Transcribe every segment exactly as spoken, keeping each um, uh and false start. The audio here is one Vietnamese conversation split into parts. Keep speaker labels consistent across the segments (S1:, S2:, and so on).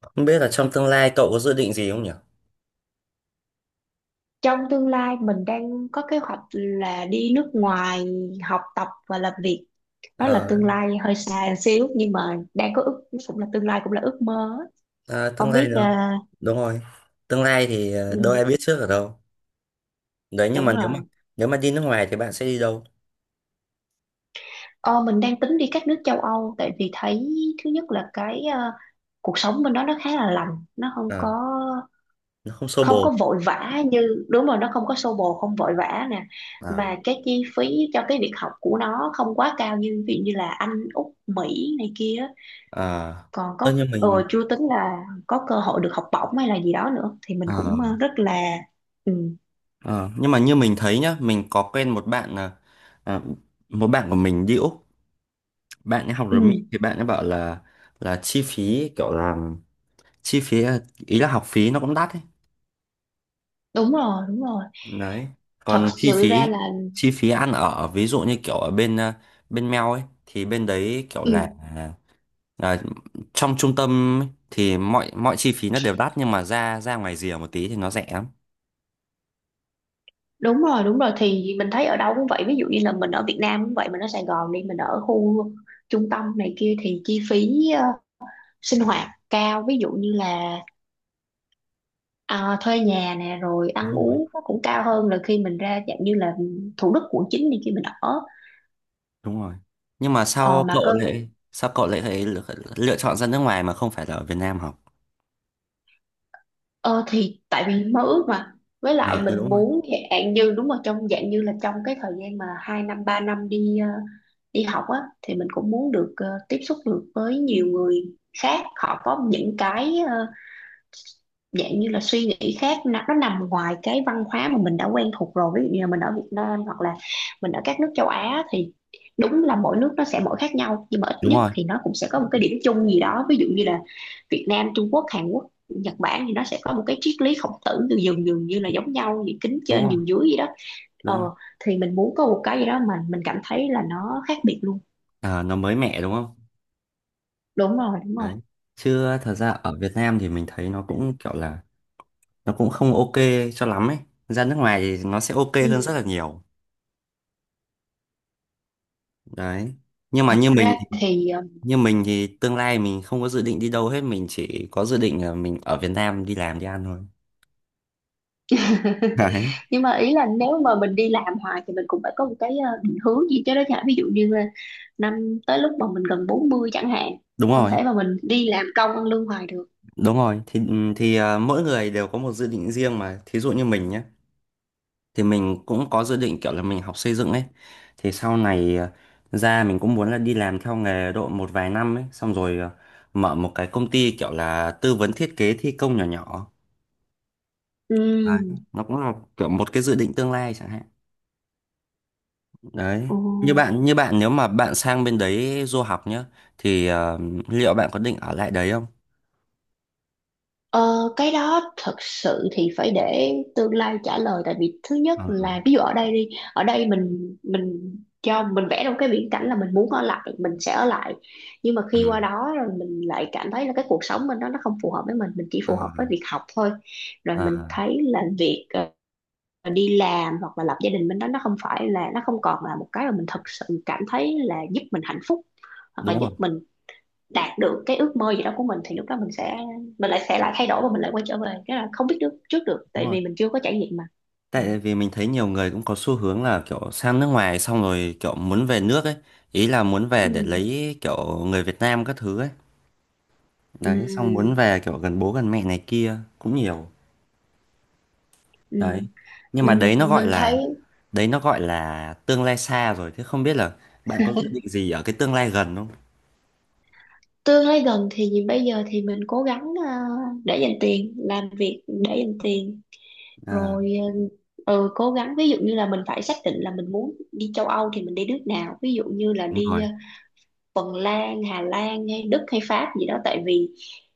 S1: Không biết là trong tương lai cậu có dự định gì không nhỉ?
S2: Trong tương lai mình đang có kế hoạch là đi nước ngoài học tập và làm việc. Đó là
S1: Ờ,
S2: tương lai hơi xa xíu nhưng mà đang có ước, cũng là tương lai cũng là ước mơ á.
S1: à, tương
S2: Không
S1: lai
S2: biết
S1: đó.
S2: à,
S1: Đúng rồi. Tương lai thì ờ, đâu
S2: ừ,
S1: ai biết trước ở đâu. Đấy nhưng
S2: đúng
S1: mà nếu mà
S2: rồi.
S1: nếu mà đi nước ngoài thì bạn sẽ đi đâu?
S2: Ờ, mình đang tính đi các nước châu Âu, tại vì thấy thứ nhất là cái à, cuộc sống bên đó nó khá là lành, nó không
S1: Ờ,
S2: có
S1: nó không xô
S2: không
S1: bồ.
S2: có vội vã, như, đúng rồi, nó không có xô bồ, không vội vã nè,
S1: À,
S2: mà cái chi phí cho cái việc học của nó không quá cao, như ví dụ như là Anh, Úc, Mỹ này kia.
S1: à,
S2: Còn
S1: ơ,
S2: có
S1: như
S2: ờ,
S1: mình
S2: chưa tính là có cơ hội được học bổng hay là gì đó nữa, thì mình
S1: ờ,
S2: cũng ờ, rất là… Ừ,
S1: ờ, nhưng mà như mình thấy nhá, mình có quen một bạn là à, một bạn của mình đi Úc, bạn ấy học
S2: ừ,
S1: ở Mỹ thì bạn ấy bảo là là chi phí kiểu là chi phí ờ, ý là học phí nó cũng đắt ấy.
S2: đúng rồi, đúng rồi,
S1: Đấy
S2: thật
S1: còn chi
S2: sự ra
S1: phí
S2: là…
S1: chi phí ăn ở ví dụ như kiểu ở bên ờ, bên Mel ấy thì bên đấy kiểu là
S2: Ừ,
S1: là trong trung tâm ấy, thì mọi mọi chi phí nó đều đắt nhưng mà ra ra ngoài rìa một tí thì nó rẻ lắm.
S2: đúng rồi, đúng rồi, thì mình thấy ở đâu cũng vậy. Ví dụ như là mình ở Việt Nam cũng vậy, mình ở Sài Gòn đi, mình ở khu trung tâm này kia thì chi phí ờ, sinh hoạt cao, ví dụ như là à, thuê nhà nè, rồi ăn
S1: Đúng rồi.
S2: uống nó cũng cao hơn là khi mình ra, dạng như là Thủ Đức, quận chín đi, khi mình ở…
S1: Đúng rồi nhưng mà
S2: Ờ,
S1: sao
S2: mà
S1: cậu
S2: cơ
S1: lại sao cậu lại phải lựa, lựa chọn ra nước ngoài mà không phải là ở Việt Nam học.
S2: Ờ thì tại vì mơ ước mà, với
S1: À
S2: lại
S1: ừ,
S2: mình
S1: đúng rồi.
S2: muốn, dạng như, đúng rồi, trong dạng như là trong cái thời gian mà hai năm ba năm đi ờ, đi học á, thì mình cũng muốn được ờ, tiếp xúc được với nhiều người khác, họ có những cái ờ, dạng như là suy nghĩ khác. nó, nó nằm ngoài cái văn hóa mà mình đã quen thuộc rồi, ví dụ như là mình ở Việt Nam hoặc là mình ở các nước châu Á, thì đúng là mỗi nước nó sẽ mỗi khác nhau, nhưng mà ít
S1: Đúng
S2: nhất
S1: rồi.
S2: thì nó cũng sẽ có một cái điểm chung gì đó. Ví dụ như là Việt Nam, Trung Quốc, Hàn Quốc, Nhật Bản thì nó sẽ có một cái triết lý Khổng Tử từ dường dường như là giống nhau, gì kính
S1: Đúng
S2: trên
S1: rồi.
S2: nhường dưới gì đó. Ờ,
S1: Đúng rồi.
S2: thì mình muốn có một cái gì đó mà mình cảm thấy là nó khác biệt luôn.
S1: À, nó mới mẻ đúng không?
S2: Đúng rồi, đúng rồi.
S1: Đấy chứ thật ra ở Việt Nam thì mình thấy nó cũng kiểu là nó cũng không ok cho lắm ấy, ra nước ngoài thì nó sẽ ok hơn
S2: Ừ.
S1: rất là nhiều. Đấy nhưng mà
S2: Thật
S1: như mình
S2: ra thì…
S1: như mình thì tương lai mình không có dự định đi đâu hết, mình chỉ có dự định là mình ở Việt Nam đi làm đi ăn thôi. Đấy.
S2: Nhưng mà ý là nếu mà mình đi làm hoài thì mình cũng phải có một cái ờ, định hướng gì chứ đó chả, ví dụ như là năm tới, lúc mà mình gần bốn mươi chẳng hạn,
S1: Đúng
S2: không
S1: rồi.
S2: thể mà mình đi làm công ăn lương hoài được.
S1: Đúng rồi thì ừ, thì à, mỗi người đều có một dự định riêng mà, thí dụ như mình nhé, thì mình cũng có dự định kiểu là mình học xây dựng ấy, thì sau này à, ra mình cũng muốn là đi làm theo nghề độ một vài năm ấy, xong rồi à, mở một cái công ty kiểu là tư vấn thiết kế thi công nhỏ nhỏ.
S2: Ừ.
S1: Đấy. Nó cũng là kiểu một cái dự định tương lai chẳng hạn. Đấy.
S2: Ồ.
S1: Như bạn như bạn nếu mà bạn sang bên đấy du học nhá thì ờ, liệu bạn có định ở lại đấy không?
S2: Ờ, cái đó thật sự thì phải để tương lai trả lời. Tại vì thứ nhất
S1: Ừ.
S2: là ví dụ ở đây đi, ở đây mình mình cho mình vẽ ra một cái viễn cảnh là mình muốn ở lại, mình sẽ ở lại, nhưng mà
S1: Ừ.
S2: khi qua đó rồi mình lại cảm thấy là cái cuộc sống bên đó nó không phù hợp với mình mình chỉ phù
S1: Ờ,
S2: hợp với việc học thôi. Rồi
S1: ờ,
S2: mình thấy là việc ờ, đi làm hoặc là lập gia đình bên đó, nó không phải là, nó không còn là một cái mà mình thật sự cảm thấy là giúp mình hạnh phúc hoặc là
S1: đúng
S2: giúp
S1: rồi.
S2: mình đạt được cái ước mơ gì đó của mình, thì lúc đó mình sẽ, mình lại sẽ lại thay đổi và mình lại quay trở về. Cái là không biết được trước được, tại
S1: Đúng rồi.
S2: vì mình chưa có trải nghiệm mà. Ừ.
S1: Tại vì mình thấy nhiều người cũng có xu hướng là kiểu sang nước ngoài xong rồi kiểu muốn về nước ấy, ý là muốn về
S2: Ừ,
S1: để lấy kiểu người Việt Nam các thứ ấy.
S2: ừ,
S1: Đấy, xong muốn về kiểu gần bố gần mẹ này kia cũng nhiều.
S2: ừ.
S1: Đấy. Nhưng mà đấy nó
S2: Mình
S1: gọi Ừ.
S2: mình thấy,
S1: là Đấy nó gọi là tương lai xa rồi, thế không biết là bạn có dự định gì ở cái tương lai gần không?
S2: tương lai gần thì bây giờ thì mình cố gắng ờ, để dành tiền, làm việc để dành tiền
S1: À,
S2: rồi, ờ, ừ, cố gắng. Ví dụ như là mình phải xác định là mình muốn đi châu Âu thì mình đi nước nào, ví dụ như là
S1: đúng
S2: đi
S1: rồi,
S2: ờ, Phần Lan, Hà Lan hay Đức hay Pháp gì đó. Tại vì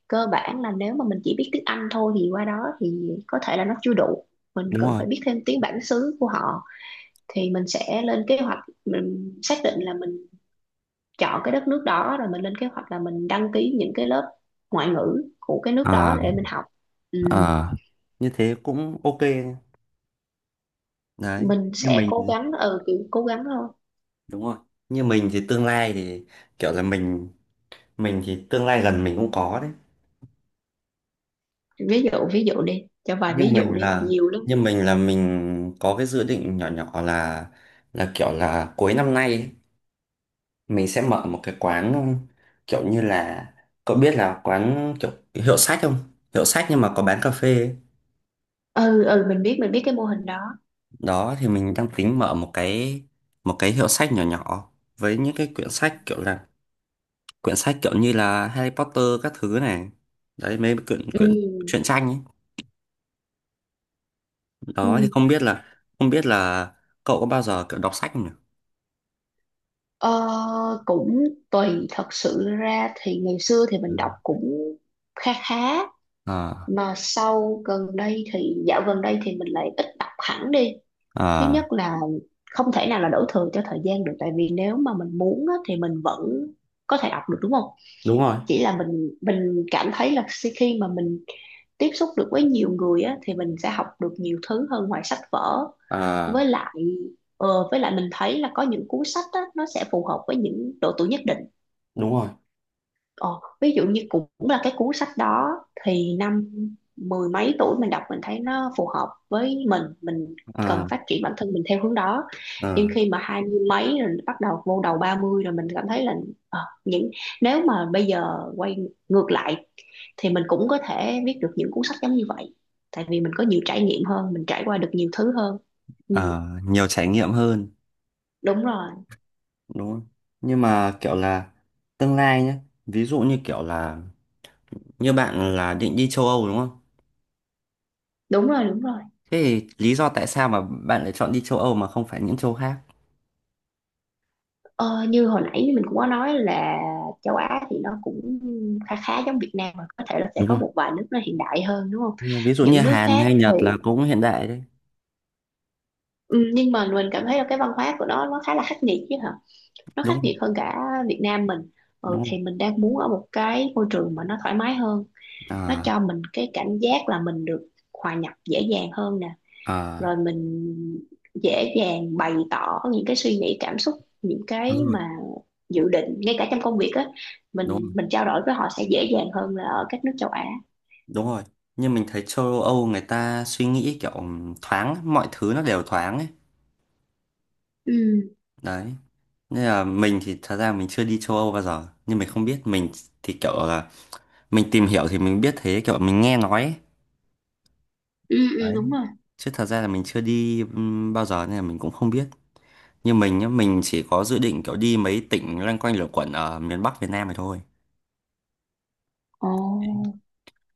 S2: cơ bản là nếu mà mình chỉ biết tiếng Anh thôi thì qua đó thì có thể là nó chưa đủ, mình
S1: đúng
S2: cần
S1: rồi.
S2: phải biết thêm tiếng bản xứ của họ. Thì mình sẽ lên kế hoạch, mình xác định là mình chọn cái đất nước đó, rồi mình lên kế hoạch là mình đăng ký những cái lớp ngoại ngữ của cái nước
S1: Ờ,
S2: đó để mình học. Ừ.
S1: ờ, như thế cũng ok đấy.
S2: Mình
S1: Như
S2: sẽ
S1: mình
S2: cố gắng, ừ, kiểu cố gắng thôi.
S1: đúng rồi. Như mình thì tương lai thì kiểu là mình mình thì tương lai gần mình cũng có đấy.
S2: Ví dụ, ví dụ đi, cho vài
S1: Nhưng
S2: ví dụ
S1: mình
S2: đi,
S1: là
S2: nhiều lắm.
S1: nhưng mình là mình có cái dự định nhỏ nhỏ là là kiểu là cuối năm nay ấy, mình sẽ mở một cái quán kiểu như là cậu biết là quán kiểu hiệu sách không, hiệu sách nhưng mà có bán cà phê ấy.
S2: Ừ, ừ, mình biết, mình biết cái mô hình đó.
S1: Đó thì mình đang tính mở một cái một cái hiệu sách nhỏ nhỏ với những cái quyển sách kiểu là quyển sách kiểu như là Harry Potter các thứ này, đấy mấy quyển
S2: Ừ,
S1: quyển truyện tranh ấy. Đó
S2: ừ.
S1: thì không biết là không biết là cậu có bao giờ kiểu đọc sách không nhỉ?
S2: Ờ, cũng tùy. Thật sự ra thì ngày xưa thì
S1: Ừ.
S2: mình đọc cũng khá khá,
S1: À.
S2: mà sau gần đây thì, dạo gần đây thì mình lại ít đọc hẳn đi. Thứ nhất
S1: À
S2: là, không thể nào là đổ thừa cho thời gian được, tại vì nếu mà mình muốn á thì mình vẫn có thể đọc được, đúng không?
S1: đúng rồi.
S2: Chỉ là mình mình cảm thấy là khi khi mà mình tiếp xúc được với nhiều người á, thì mình sẽ học được nhiều thứ hơn ngoài sách vở. Với
S1: À
S2: lại ờ, với lại mình thấy là có những cuốn sách á, nó sẽ phù hợp với những độ tuổi nhất định.
S1: đúng rồi.
S2: Ờ, ví dụ như cũng là cái cuốn sách đó, thì năm mười mấy tuổi mình đọc, mình thấy nó phù hợp với mình mình cần
S1: à
S2: phát triển bản thân mình theo hướng đó. Nhưng
S1: ờ,
S2: khi mà hai mươi mấy rồi, bắt đầu vô đầu ba mươi rồi, mình cảm thấy là ờ, những… nếu mà bây giờ quay ngược lại thì mình cũng có thể viết được những cuốn sách giống như vậy, tại vì mình có nhiều trải nghiệm hơn, mình trải qua được nhiều thứ hơn. Ừ,
S1: ờ, nhiều trải nghiệm hơn
S2: đúng rồi.
S1: đúng không? Nhưng mà kiểu là tương lai nhé, ví dụ như kiểu là như bạn là định đi châu Âu đúng không?
S2: Đúng rồi, đúng rồi.
S1: Thế thì lý do tại sao mà bạn lại chọn đi châu Âu mà không phải những châu khác?
S2: Ờ, như hồi nãy mình cũng có nói là châu Á thì nó cũng khá khá giống Việt Nam, mà có thể là sẽ
S1: Đúng
S2: có
S1: rồi.
S2: một vài nước nó hiện đại hơn, đúng không?
S1: Ừ, ví dụ như
S2: Những nước
S1: Hàn
S2: khác
S1: hay
S2: thì,
S1: Nhật là cũng hiện đại đấy,
S2: ừ, nhưng mà mình cảm thấy là cái văn hóa của nó nó khá là khắc nghiệt chứ hả? Nó khắc
S1: đúng không?
S2: nghiệt hơn cả Việt Nam mình. Ừ,
S1: Đúng không?
S2: thì mình đang muốn ở một cái môi trường mà nó thoải mái hơn, nó
S1: À,
S2: cho mình cái cảm giác là mình được hòa nhập dễ dàng hơn nè, rồi
S1: à,
S2: mình dễ dàng bày tỏ những cái suy nghĩ, cảm xúc, những
S1: đúng
S2: cái
S1: rồi,
S2: mà dự định, ngay cả trong công việc á,
S1: đúng
S2: mình
S1: rồi,
S2: mình trao đổi với họ sẽ dễ dàng hơn là ở các nước châu Á.
S1: đúng rồi. Nhưng mình thấy châu Âu người ta suy nghĩ kiểu thoáng, mọi thứ nó đều thoáng ấy.
S2: Ừ,
S1: Đấy. Nên là mình thì thật ra mình chưa đi châu Âu bao giờ, nhưng mình không biết mình thì kiểu là mình tìm hiểu thì mình biết thế, kiểu mình nghe nói ấy.
S2: ừ, ừ,
S1: Đấy
S2: đúng rồi.
S1: chứ thật ra là mình chưa đi ừm, bao giờ nên là mình cũng không biết. Như mình nhá mình chỉ có dự định kiểu đi mấy tỉnh loanh quanh lẩn quẩn ở miền Bắc Việt Nam này thôi.
S2: Ồ,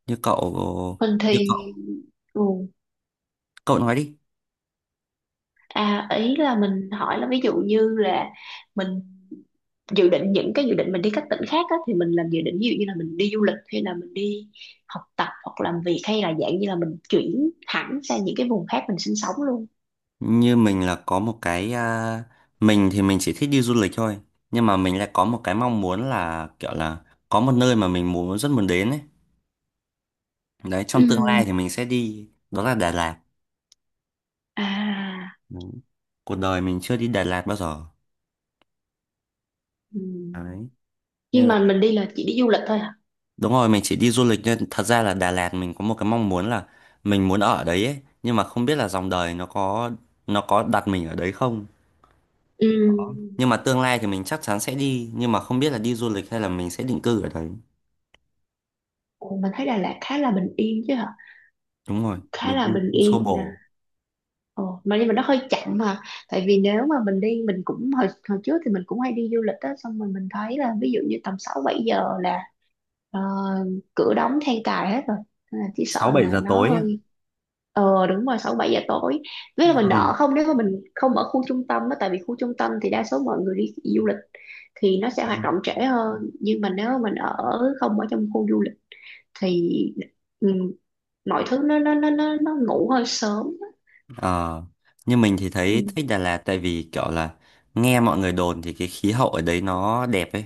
S1: như cậu
S2: mình thì…
S1: như cậu
S2: Ừ.
S1: cậu nói đi.
S2: À, ý là mình hỏi là, ví dụ như là mình dự định, những cái dự định mình đi các tỉnh khác á, thì mình làm dự định, ví dụ như là mình đi du lịch, hay là mình đi học tập hoặc làm việc, hay là dạng như là mình chuyển hẳn sang những cái vùng khác mình sinh sống luôn.
S1: Như mình là có một cái à, mình thì mình chỉ thích đi du lịch thôi, nhưng mà mình lại có một cái mong muốn là kiểu là có một nơi mà mình muốn rất muốn đến ấy, đấy trong tương lai
S2: Ừ.
S1: thì mình sẽ đi, đó là Đà Lạt.
S2: À.
S1: Ừ. Cuộc đời mình chưa đi Đà Lạt bao giờ.
S2: Ừ.
S1: Đấy. Nên
S2: Nhưng
S1: là
S2: mà mình đi là chỉ đi du lịch thôi hả?
S1: đúng rồi, mình chỉ đi du lịch nên thật ra là Đà Lạt mình có một cái mong muốn là mình muốn ở đấy ấy, nhưng mà không biết là dòng đời nó có nó có đặt mình ở đấy không.
S2: Ừ.
S1: Nhưng mà tương lai thì mình chắc chắn sẽ đi, nhưng mà không biết là đi du lịch hay là mình sẽ định cư ở đấy.
S2: Ồ, mình thấy Đà Lạt khá là bình yên chứ hả?
S1: Đúng rồi,
S2: Khá
S1: mình đi
S2: là bình
S1: cũng xô
S2: yên nè.
S1: bồ
S2: Ồ, mà nhưng mà nó hơi chậm mà. Tại vì nếu mà mình đi, mình cũng hồi, hồi trước thì mình cũng hay đi du lịch á, xong rồi mình thấy là ví dụ như tầm sáu bảy giờ là ờ, cửa đóng then cài hết rồi. Nên là chỉ
S1: sáu
S2: sợ
S1: bảy
S2: là
S1: giờ
S2: nó
S1: tối ấy.
S2: hơi… Ờ, đúng rồi, sáu bảy giờ tối. Với là mình
S1: Ừ.
S2: đỡ không, nếu mà mình không ở khu trung tâm đó. Tại vì khu trung tâm thì đa số mọi người đi du lịch, thì nó sẽ hoạt động trễ hơn, nhưng mà nếu mà mình ở không ở trong khu du lịch thì, ừ, mọi thứ nó nó nó nó, nó ngủ hơi sớm.
S1: Ờ, như mình thì thấy
S2: Ừ,
S1: thích Đà Lạt tại vì kiểu là nghe mọi người đồn thì cái khí hậu ở đấy nó đẹp ấy.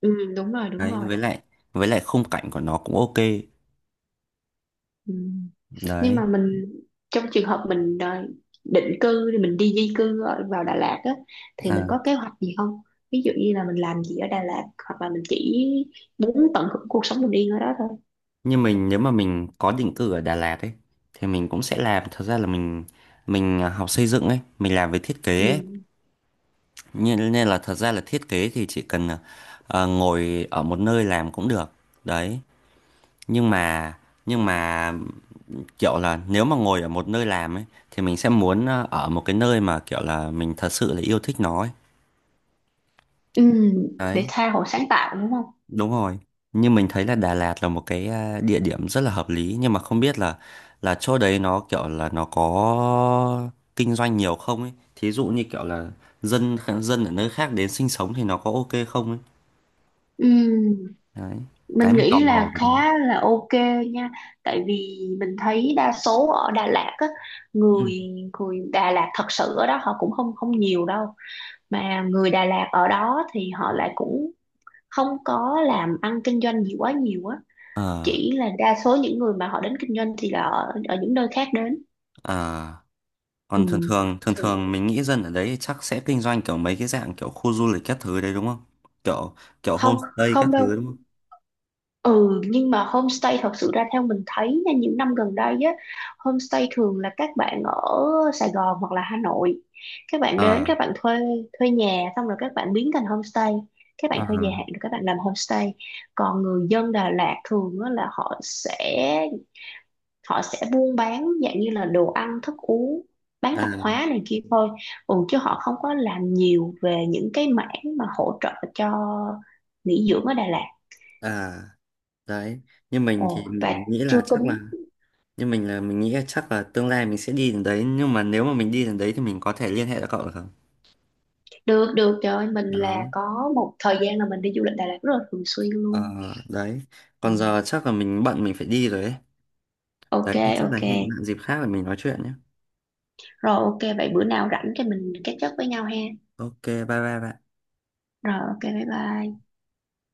S2: ừ, đúng rồi, đúng
S1: Đấy,
S2: rồi.
S1: với lại với lại khung cảnh của nó cũng ok.
S2: Ừ. Nhưng
S1: Đấy.
S2: mà mình, trong trường hợp mình ờ, định cư, thì mình đi di cư ở- vào Đà Lạt á, thì mình
S1: À.
S2: có kế hoạch gì không? Ví dụ như là mình làm gì ở Đà Lạt, hoặc là mình chỉ muốn tận hưởng cuộc sống bình yên ở đó thôi.
S1: Như mình nếu mà mình có định cư ở Đà Lạt ấy thì mình cũng sẽ làm, thật ra là mình mình à, học xây dựng ấy mình làm về thiết
S2: Ừ.
S1: kế ấy. Nên, nên là thật ra là thiết kế thì chỉ cần à, à, ngồi ở một nơi làm cũng được đấy. Nhưng mà nhưng mà kiểu là nếu mà ngồi ở một nơi làm ấy thì mình sẽ muốn à, ở một cái nơi mà kiểu là mình thật sự là yêu thích nó ấy.
S2: Ừ, để
S1: Đấy.
S2: tha hồ sáng tạo, đúng không?
S1: Đúng rồi. Nhưng mình thấy là Đà Lạt là một cái à, địa điểm rất là hợp lý nhưng mà không biết là là chỗ đấy nó kiểu là nó có kinh doanh nhiều không ấy. Thí dụ như kiểu là dân dân ở nơi khác đến sinh sống thì nó có ok không ấy.
S2: Ừ.
S1: Đấy. Cái
S2: Mình
S1: mình tò
S2: nghĩ
S1: mò
S2: là
S1: về đấy.
S2: khá là ok nha. Tại vì mình thấy đa số ở Đà Lạt á,
S1: Ừ.
S2: người người Đà Lạt thật sự ở đó họ cũng không không nhiều đâu, mà người Đà Lạt ở đó thì họ lại cũng không có làm ăn kinh doanh gì quá nhiều á.
S1: Ờ
S2: Chỉ là đa số những người mà họ đến kinh doanh thì là ở, ở những nơi khác đến.
S1: à
S2: Ừ.
S1: còn thường thường thường
S2: Thì
S1: thường mình nghĩ dân ở đấy chắc sẽ kinh doanh kiểu mấy cái dạng kiểu khu du lịch các thứ đấy đúng không? Kiểu kiểu
S2: không
S1: homestay các
S2: không đâu.
S1: thứ đúng không?
S2: Ừ, nhưng mà homestay, thật sự ra theo mình thấy nha, những năm gần đây á, homestay thường là các bạn ở Sài Gòn hoặc là Hà Nội, các bạn đến,
S1: Ờ
S2: các bạn thuê thuê nhà, xong rồi các bạn biến thành homestay, các bạn
S1: à,
S2: thuê dài hạn rồi các bạn làm homestay. Còn người dân Đà Lạt thường á, là họ sẽ họ sẽ buôn bán dạng như là đồ ăn thức uống, bán
S1: à,
S2: tạp hóa này kia thôi. Ừ, chứ họ không có làm nhiều về những cái mảng mà hỗ trợ cho nghỉ dưỡng ở Đà Lạt.
S1: à. Đấy như mình
S2: Ồ,
S1: thì
S2: và
S1: mình nghĩ
S2: chưa
S1: là chắc
S2: tính…
S1: là như mình là mình nghĩ là chắc là tương lai mình sẽ đi đến đấy, nhưng mà nếu mà mình đi đến đấy thì mình có thể liên hệ với cậu được không?
S2: Được, được, trời ơi, mình là
S1: Đó
S2: có một thời gian là mình đi du lịch Đà Lạt rất là thường xuyên
S1: ờ,
S2: luôn.
S1: đấy
S2: Ừ.
S1: còn giờ chắc là mình bận mình phải đi rồi ấy. Đấy
S2: Ok.
S1: thì chắc là
S2: Ok,
S1: hẹn bạn dịp khác để mình nói chuyện nhé.
S2: rồi, ok, vậy bữa nào rảnh thì mình catch up với nhau ha.
S1: Ok bye bye bạn.
S2: Rồi, ok, bye bye.